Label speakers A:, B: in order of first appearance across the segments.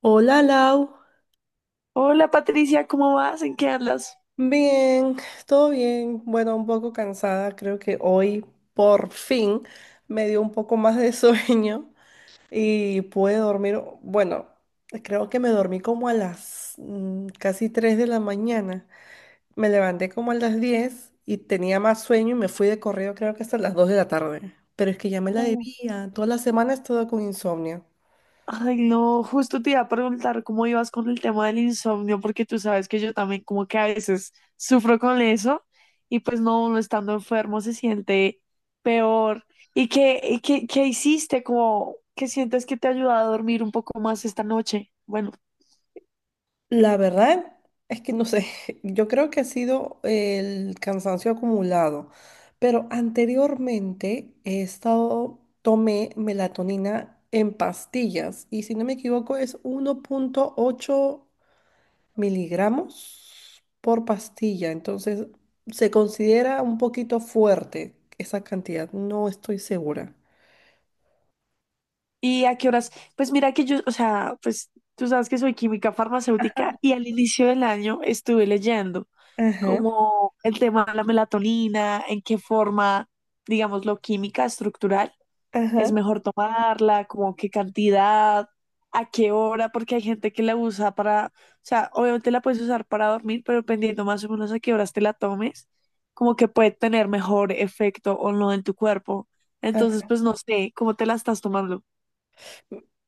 A: Hola Lau.
B: Hola Patricia, ¿cómo vas? ¿En qué andas?
A: Bien, todo bien. Bueno, un poco cansada. Creo que hoy por fin me dio un poco más de sueño y pude dormir. Bueno, creo que me dormí como a las casi 3 de la mañana. Me levanté como a las 10 y tenía más sueño y me fui de correo creo que hasta las 2 de la tarde. Pero es que ya me la
B: Hola.
A: debía. Toda la semana he estado con insomnio.
B: Ay, no, justo te iba a preguntar cómo ibas con el tema del insomnio, porque tú sabes que yo también como que a veces sufro con eso y pues no, uno estando enfermo se siente peor. ¿Qué hiciste? ¿Qué sientes que te ayuda a dormir un poco más esta noche? Bueno.
A: La verdad es que no sé, yo creo que ha sido el cansancio acumulado, pero anteriormente he estado, tomé melatonina en pastillas y si no me equivoco es 1,8 miligramos por pastilla, entonces se considera un poquito fuerte esa cantidad, no estoy segura.
B: ¿Y a qué horas? Pues mira que yo, o sea, pues tú sabes que soy química farmacéutica y al inicio del año estuve leyendo
A: Ajá,
B: como el tema de la melatonina, en qué forma, digamos lo química estructural es
A: ajá,
B: mejor tomarla, como qué cantidad, a qué hora, porque hay gente que la usa para, o sea, obviamente la puedes usar para dormir, pero dependiendo más o menos a qué horas te la tomes, como que puede tener mejor efecto o no en tu cuerpo. Entonces,
A: ajá.
B: pues no sé cómo te la estás tomando.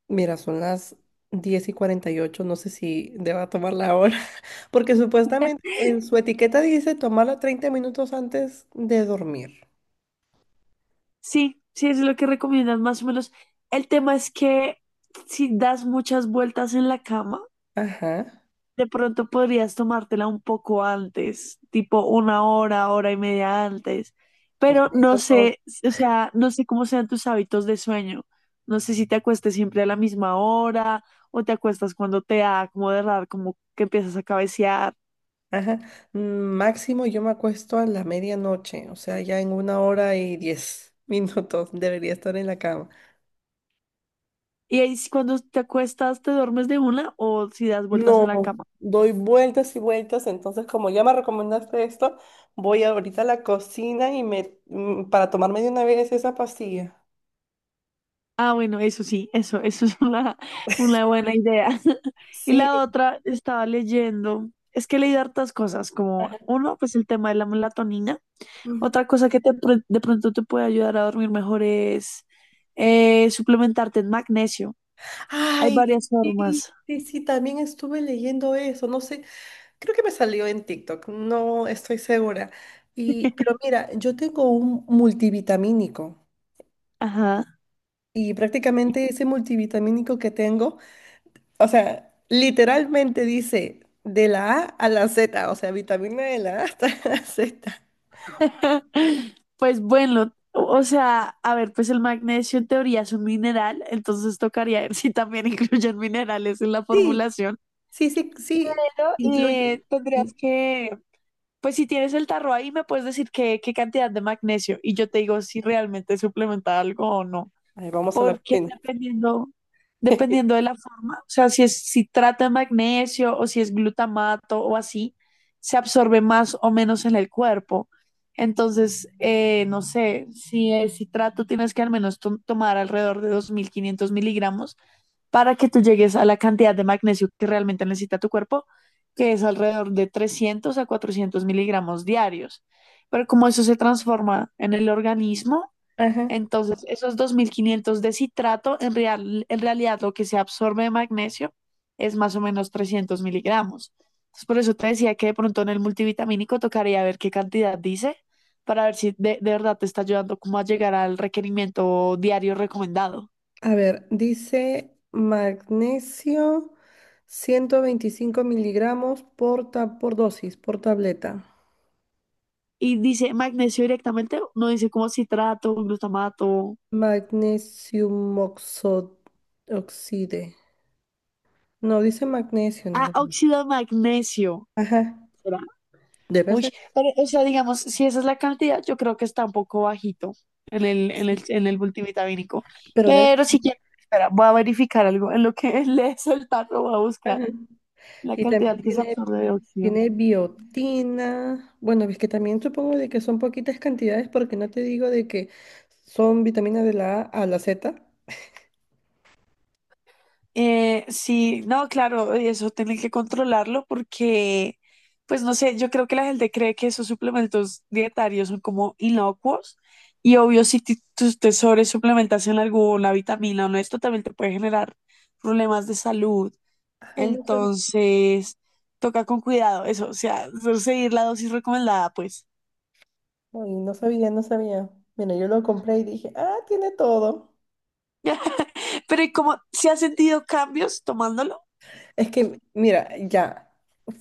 A: Mira, son las 10:48. No sé si deba tomarla ahora, porque supuestamente en su etiqueta dice tomarla 30 minutos antes de dormir.
B: Sí, sí, es lo que recomiendan más o menos. El tema es que si das muchas vueltas en la cama,
A: Ajá.
B: de pronto podrías tomártela un poco antes, tipo 1 hora, hora y media antes. Pero no
A: Ojo, ahora.
B: sé, o sea, no sé cómo sean tus hábitos de sueño. No sé si te acuestes siempre a la misma hora o te acuestas cuando te da como de raro, como que empiezas a cabecear.
A: Ajá. Mm. Máximo yo me acuesto a la medianoche, o sea, ya en 1 hora y 10 minutos debería estar en la cama.
B: Y ahí sí, cuando te acuestas, ¿te duermes de una o si das vueltas en
A: No,
B: la cama?
A: doy vueltas y vueltas, entonces como ya me recomendaste esto, voy ahorita a la cocina y me para tomarme de una vez esa pastilla.
B: Ah, bueno, eso sí, eso es una buena idea. Y
A: Sí.
B: la otra, estaba leyendo, es que leí hartas cosas, como uno, pues el tema de la melatonina.
A: Ujú.
B: Otra cosa que de pronto te puede ayudar a dormir mejor es suplementarte en magnesio. Hay
A: Ay,
B: varias
A: sí,
B: formas.
A: sí, sí, también estuve leyendo eso, no sé, creo que me salió en TikTok, no estoy segura. Y, pero mira, yo tengo un multivitamínico
B: Ajá.
A: y prácticamente ese multivitamínico que tengo, o sea, literalmente dice de la A a la Z, o sea, vitamina de la A hasta la Z.
B: Pues bueno, o sea, a ver, pues el magnesio en teoría es un mineral, entonces tocaría ver si también incluyen minerales en la
A: Sí,
B: formulación.
A: sí, sí, sí,
B: Pero
A: incluye.
B: tendrías
A: in-
B: que, pues si tienes el tarro ahí, me puedes decir qué cantidad de magnesio y yo te digo si realmente suplementa algo o no.
A: Ahí vamos a la
B: Porque
A: cocina.
B: dependiendo de la forma, o sea, si trata de magnesio o si es glutamato o así, se absorbe más o menos en el cuerpo. Entonces, no sé, si es citrato tienes que al menos tomar alrededor de 2.500 miligramos para que tú llegues a la cantidad de magnesio que realmente necesita tu cuerpo, que es alrededor de 300 a 400 miligramos diarios. Pero como eso se transforma en el organismo, entonces esos 2.500 de citrato, en realidad lo que se absorbe de magnesio es más o menos 300 miligramos. Entonces, por eso te decía que de pronto en el multivitamínico tocaría ver qué cantidad dice para ver si de verdad te está ayudando como a llegar al requerimiento diario recomendado.
A: A ver, dice magnesio 125 miligramos por dosis, por tableta.
B: Y dice magnesio directamente, no dice como citrato, glutamato.
A: Magnesium oxide. No, dice magnesio
B: Ah,
A: nada más.
B: óxido de magnesio.
A: Ajá,
B: ¿Será?
A: debe
B: Uy,
A: ser.
B: pero, o sea, digamos, si esa es la cantidad, yo creo que está un poco bajito en el, en
A: Sí,
B: el, en el multivitamínico.
A: pero debe.
B: Pero si quieres, espera, voy a verificar algo. En lo que lees el tarro, voy a buscar
A: Ajá.
B: la
A: Y
B: cantidad
A: también
B: que se
A: tiene,
B: absorbe de óxido.
A: tiene biotina. Bueno, es que también supongo de que son poquitas cantidades porque no te digo de que son vitaminas de la A a la Z.
B: Sí, no, claro, y eso tienen que controlarlo porque, pues no sé, yo creo que la gente cree que esos suplementos dietarios son como inocuos y obvio si tus te suplementas en alguna vitamina o no, esto también te puede generar problemas de salud.
A: Ay, no sabía.
B: Entonces, toca con cuidado eso, o sea, seguir la dosis recomendada, pues.
A: Ay, no sabía, no sabía. Mira, yo lo compré y dije, ah, tiene todo.
B: Pero ¿y cómo, si has sentido cambios tomándolo?
A: Es que, mira, ya,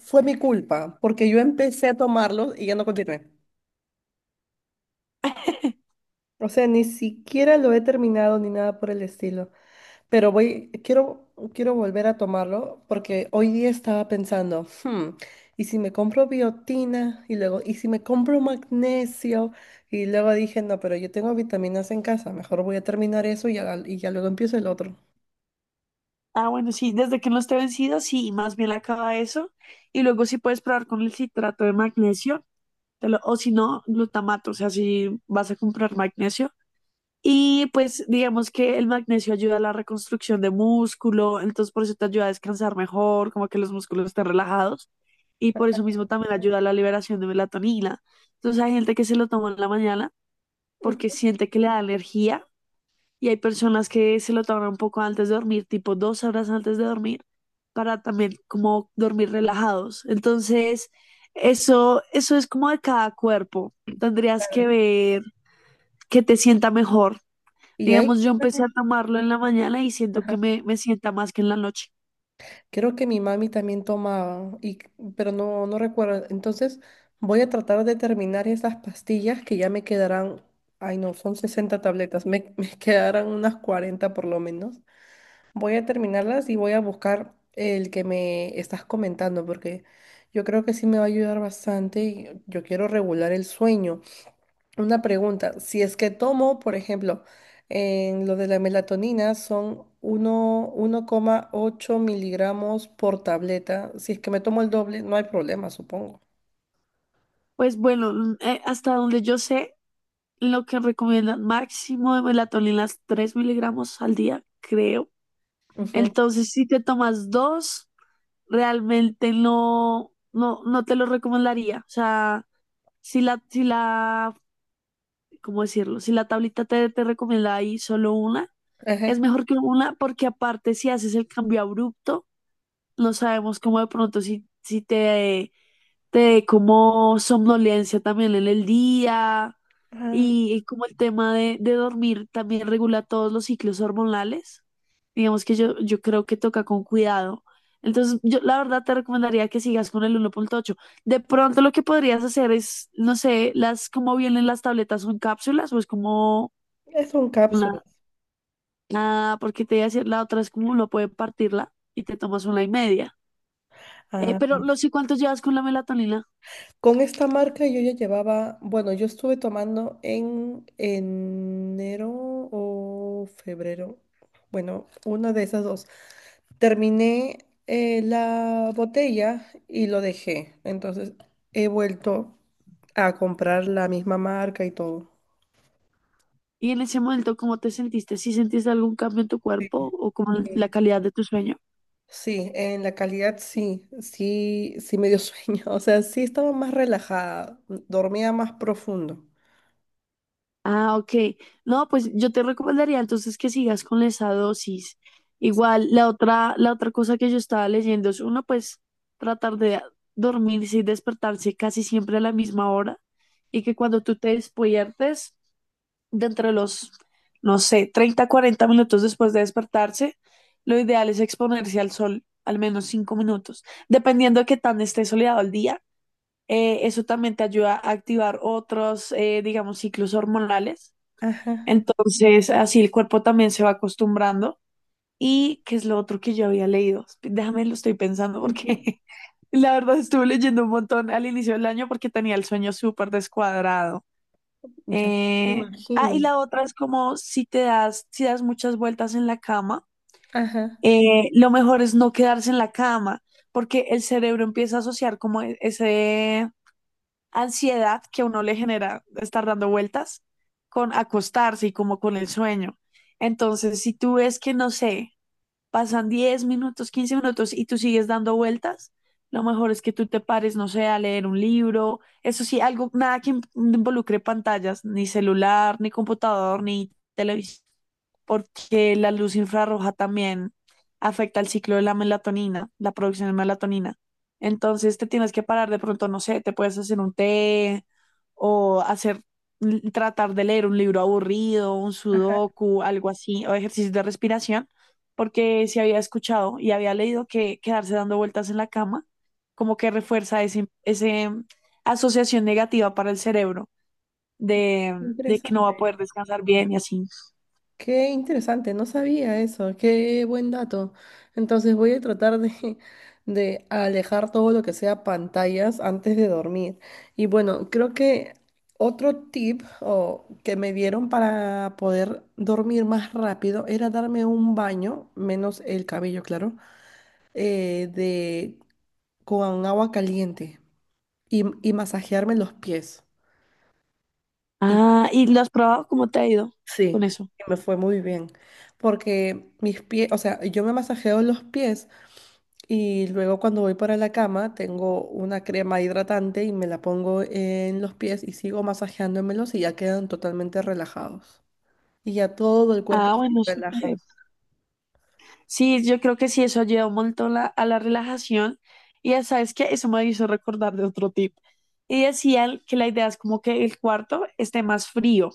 A: fue mi culpa, porque yo empecé a tomarlo y ya no continué. O sea, ni siquiera lo he terminado ni nada por el estilo. Pero voy, quiero volver a tomarlo porque hoy día estaba pensando, "Hmm, ¿y si me compro biotina? Y luego, ¿y si me compro magnesio?" Y luego dije, no, pero yo tengo vitaminas en casa, mejor voy a terminar eso y ya luego empiezo el otro.
B: Ah, bueno, sí, desde que no esté vencido, sí, más bien acaba eso. Y luego sí puedes probar con el citrato de magnesio, o si no, glutamato, o sea, si vas a comprar magnesio. Y pues digamos que el magnesio ayuda a la reconstrucción de músculo, entonces por eso te ayuda a descansar mejor, como que los músculos estén relajados. Y por eso mismo también ayuda a la liberación de melatonina. Entonces hay gente que se lo toma en la mañana porque siente que le da energía y hay personas que se lo toman un poco antes de dormir, tipo 2 horas antes de dormir, para también como dormir relajados. Entonces, eso es como de cada cuerpo.
A: Ujú.
B: Tendrías que ver que te sienta mejor.
A: Y ahí,
B: Digamos, yo empecé a tomarlo en la mañana y siento que
A: ajá,
B: me sienta más que en la noche.
A: creo que mi mami también tomaba, y, pero no, no recuerdo. Entonces voy a tratar de terminar esas pastillas que ya me quedarán, ay no, son 60 tabletas, me, me quedarán unas 40 por lo menos. Voy a terminarlas y voy a buscar el que me estás comentando, porque yo creo que sí me va a ayudar bastante y yo quiero regular el sueño. Una pregunta, si es que tomo, por ejemplo, en lo de la melatonina son uno coma ocho miligramos por tableta. Si es que me tomo el doble, no hay problema, supongo.
B: Pues bueno, hasta donde yo sé, lo que recomiendan máximo de melatonina 3 miligramos al día, creo.
A: Ujú,
B: Entonces, si te tomas dos, realmente no, no, no te lo recomendaría. O sea, si la, ¿cómo decirlo? Si la tablita te recomienda ahí solo una, es
A: ajá.
B: mejor que una porque aparte si haces el cambio abrupto, no sabemos cómo de pronto si te dé como somnolencia también en el día
A: Ah,
B: y como el tema de dormir también regula todos los ciclos hormonales. Digamos que yo creo que toca con cuidado. Entonces, yo la verdad te recomendaría que sigas con el 1,8. De pronto lo que podrías hacer es, no sé, cómo vienen las tabletas, son cápsulas o es como
A: es un
B: una,
A: cápsulas.
B: ah, porque te voy a decir, la otra es como uno puede partirla y te tomas una y media. Pero, ¿los y cuántos llevas con la melatonina?
A: Con esta marca yo ya llevaba, bueno, yo estuve tomando en enero o febrero, bueno, una de esas dos. Terminé la botella y lo dejé, entonces he vuelto a comprar la misma marca y todo.
B: Y en ese momento, ¿cómo te sentiste? ¿Si sentiste algún cambio en tu cuerpo o como en la
A: Sí,
B: calidad de tu sueño?
A: sí, en la calidad sí, sí, sí me dio sueño, o sea, sí estaba más relajada, dormía más profundo.
B: Ah, ok. No, pues yo te recomendaría entonces que sigas con esa dosis. Igual, la otra cosa que yo estaba leyendo es uno, pues tratar de dormirse y despertarse casi siempre a la misma hora y que cuando tú te despiertes, dentro de los, no sé, 30, 40 minutos después de despertarse, lo ideal es exponerse al sol al menos 5 minutos dependiendo de qué tan esté soleado el día, eso también te ayuda a activar otros, digamos, ciclos hormonales.
A: Ajá.
B: Entonces, así el cuerpo también se va acostumbrando. ¿Y qué es lo otro que yo había leído? Déjame, lo estoy pensando
A: Ujú.
B: porque la verdad estuve leyendo un montón al inicio del año porque tenía el sueño súper descuadrado.
A: Ya me
B: Eh, ah, y
A: imagino.
B: la otra es como si das muchas vueltas en la cama,
A: Ajá.
B: lo mejor es no quedarse en la cama porque el cerebro empieza a asociar como ese ansiedad que a uno le genera estar dando vueltas con acostarse y como con el sueño. Entonces, si tú ves que, no sé, pasan 10 minutos, 15 minutos y tú sigues dando vueltas, lo mejor es que tú te pares, no sé, a leer un libro, eso sí, algo, nada que involucre pantallas, ni celular, ni computador, ni televisión, porque la luz infrarroja también afecta el ciclo de la melatonina, la producción de melatonina. Entonces te tienes que parar de pronto, no sé, te puedes hacer un té o hacer, tratar de leer un libro aburrido, un
A: Ajá.
B: sudoku, algo así, o ejercicio de respiración porque sí había escuchado y había leído que quedarse dando vueltas en la cama como que refuerza ese asociación negativa para el cerebro de que no va a
A: Interesante.
B: poder descansar bien y así.
A: Qué interesante, no sabía eso, qué buen dato. Entonces voy a tratar de, de alejar todo lo que sea pantallas antes de dormir. Y bueno, creo que otro tip o, que me dieron para poder dormir más rápido era darme un baño, menos el cabello, claro, eh, de, con agua caliente y masajearme los pies.
B: Ah, ¿y lo has probado? ¿Cómo te ha ido
A: Sí,
B: con eso?
A: y me fue muy bien, porque mis pies, o sea, yo me masajeo los pies y luego cuando voy para la cama tengo una crema hidratante y me la pongo en los pies y sigo masajeándomelos y ya quedan totalmente relajados. Y ya todo el cuerpo
B: Ah,
A: se
B: bueno,
A: relaja.
B: súper. Sí, yo creo que sí, eso ayuda un montón a la relajación. Y ya sabes que eso me hizo recordar de otro tip. Y decían que la idea es como que el cuarto esté más frío.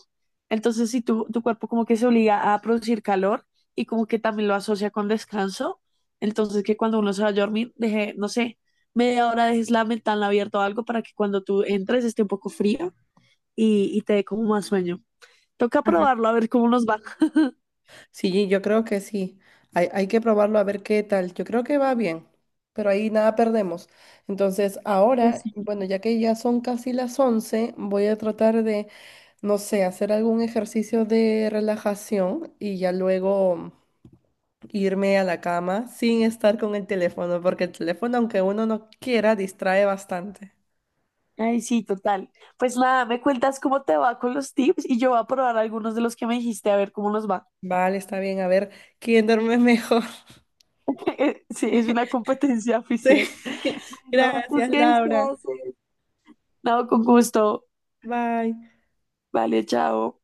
B: Entonces, si tu cuerpo como que se obliga a producir calor y como que también lo asocia con descanso, entonces que cuando uno se va a dormir, deje, no sé, media hora dejes la ventana abierta o algo para que cuando tú entres esté un poco frío y te dé como más sueño. Toca
A: Ajá.
B: probarlo a ver cómo nos va.
A: Sí, yo creo que sí. Hay que probarlo a ver qué tal. Yo creo que va bien, pero ahí nada perdemos. Entonces, ahora, bueno, ya que ya son casi las 11, voy a tratar de no sé, hacer algún ejercicio de relajación y ya luego irme a la cama sin estar con el teléfono, porque el teléfono, aunque uno no quiera, distrae bastante.
B: Ay, sí, total. Pues nada, me cuentas cómo te va con los tips y yo voy a probar algunos de los que me dijiste a ver cómo nos va.
A: Vale, está bien, a ver quién duerme mejor.
B: Sí, es una competencia
A: Sí.
B: oficial. Bueno, entonces,
A: Gracias,
B: ¿qué se
A: Laura.
B: hace? No, con gusto.
A: Bye.
B: Vale, chao.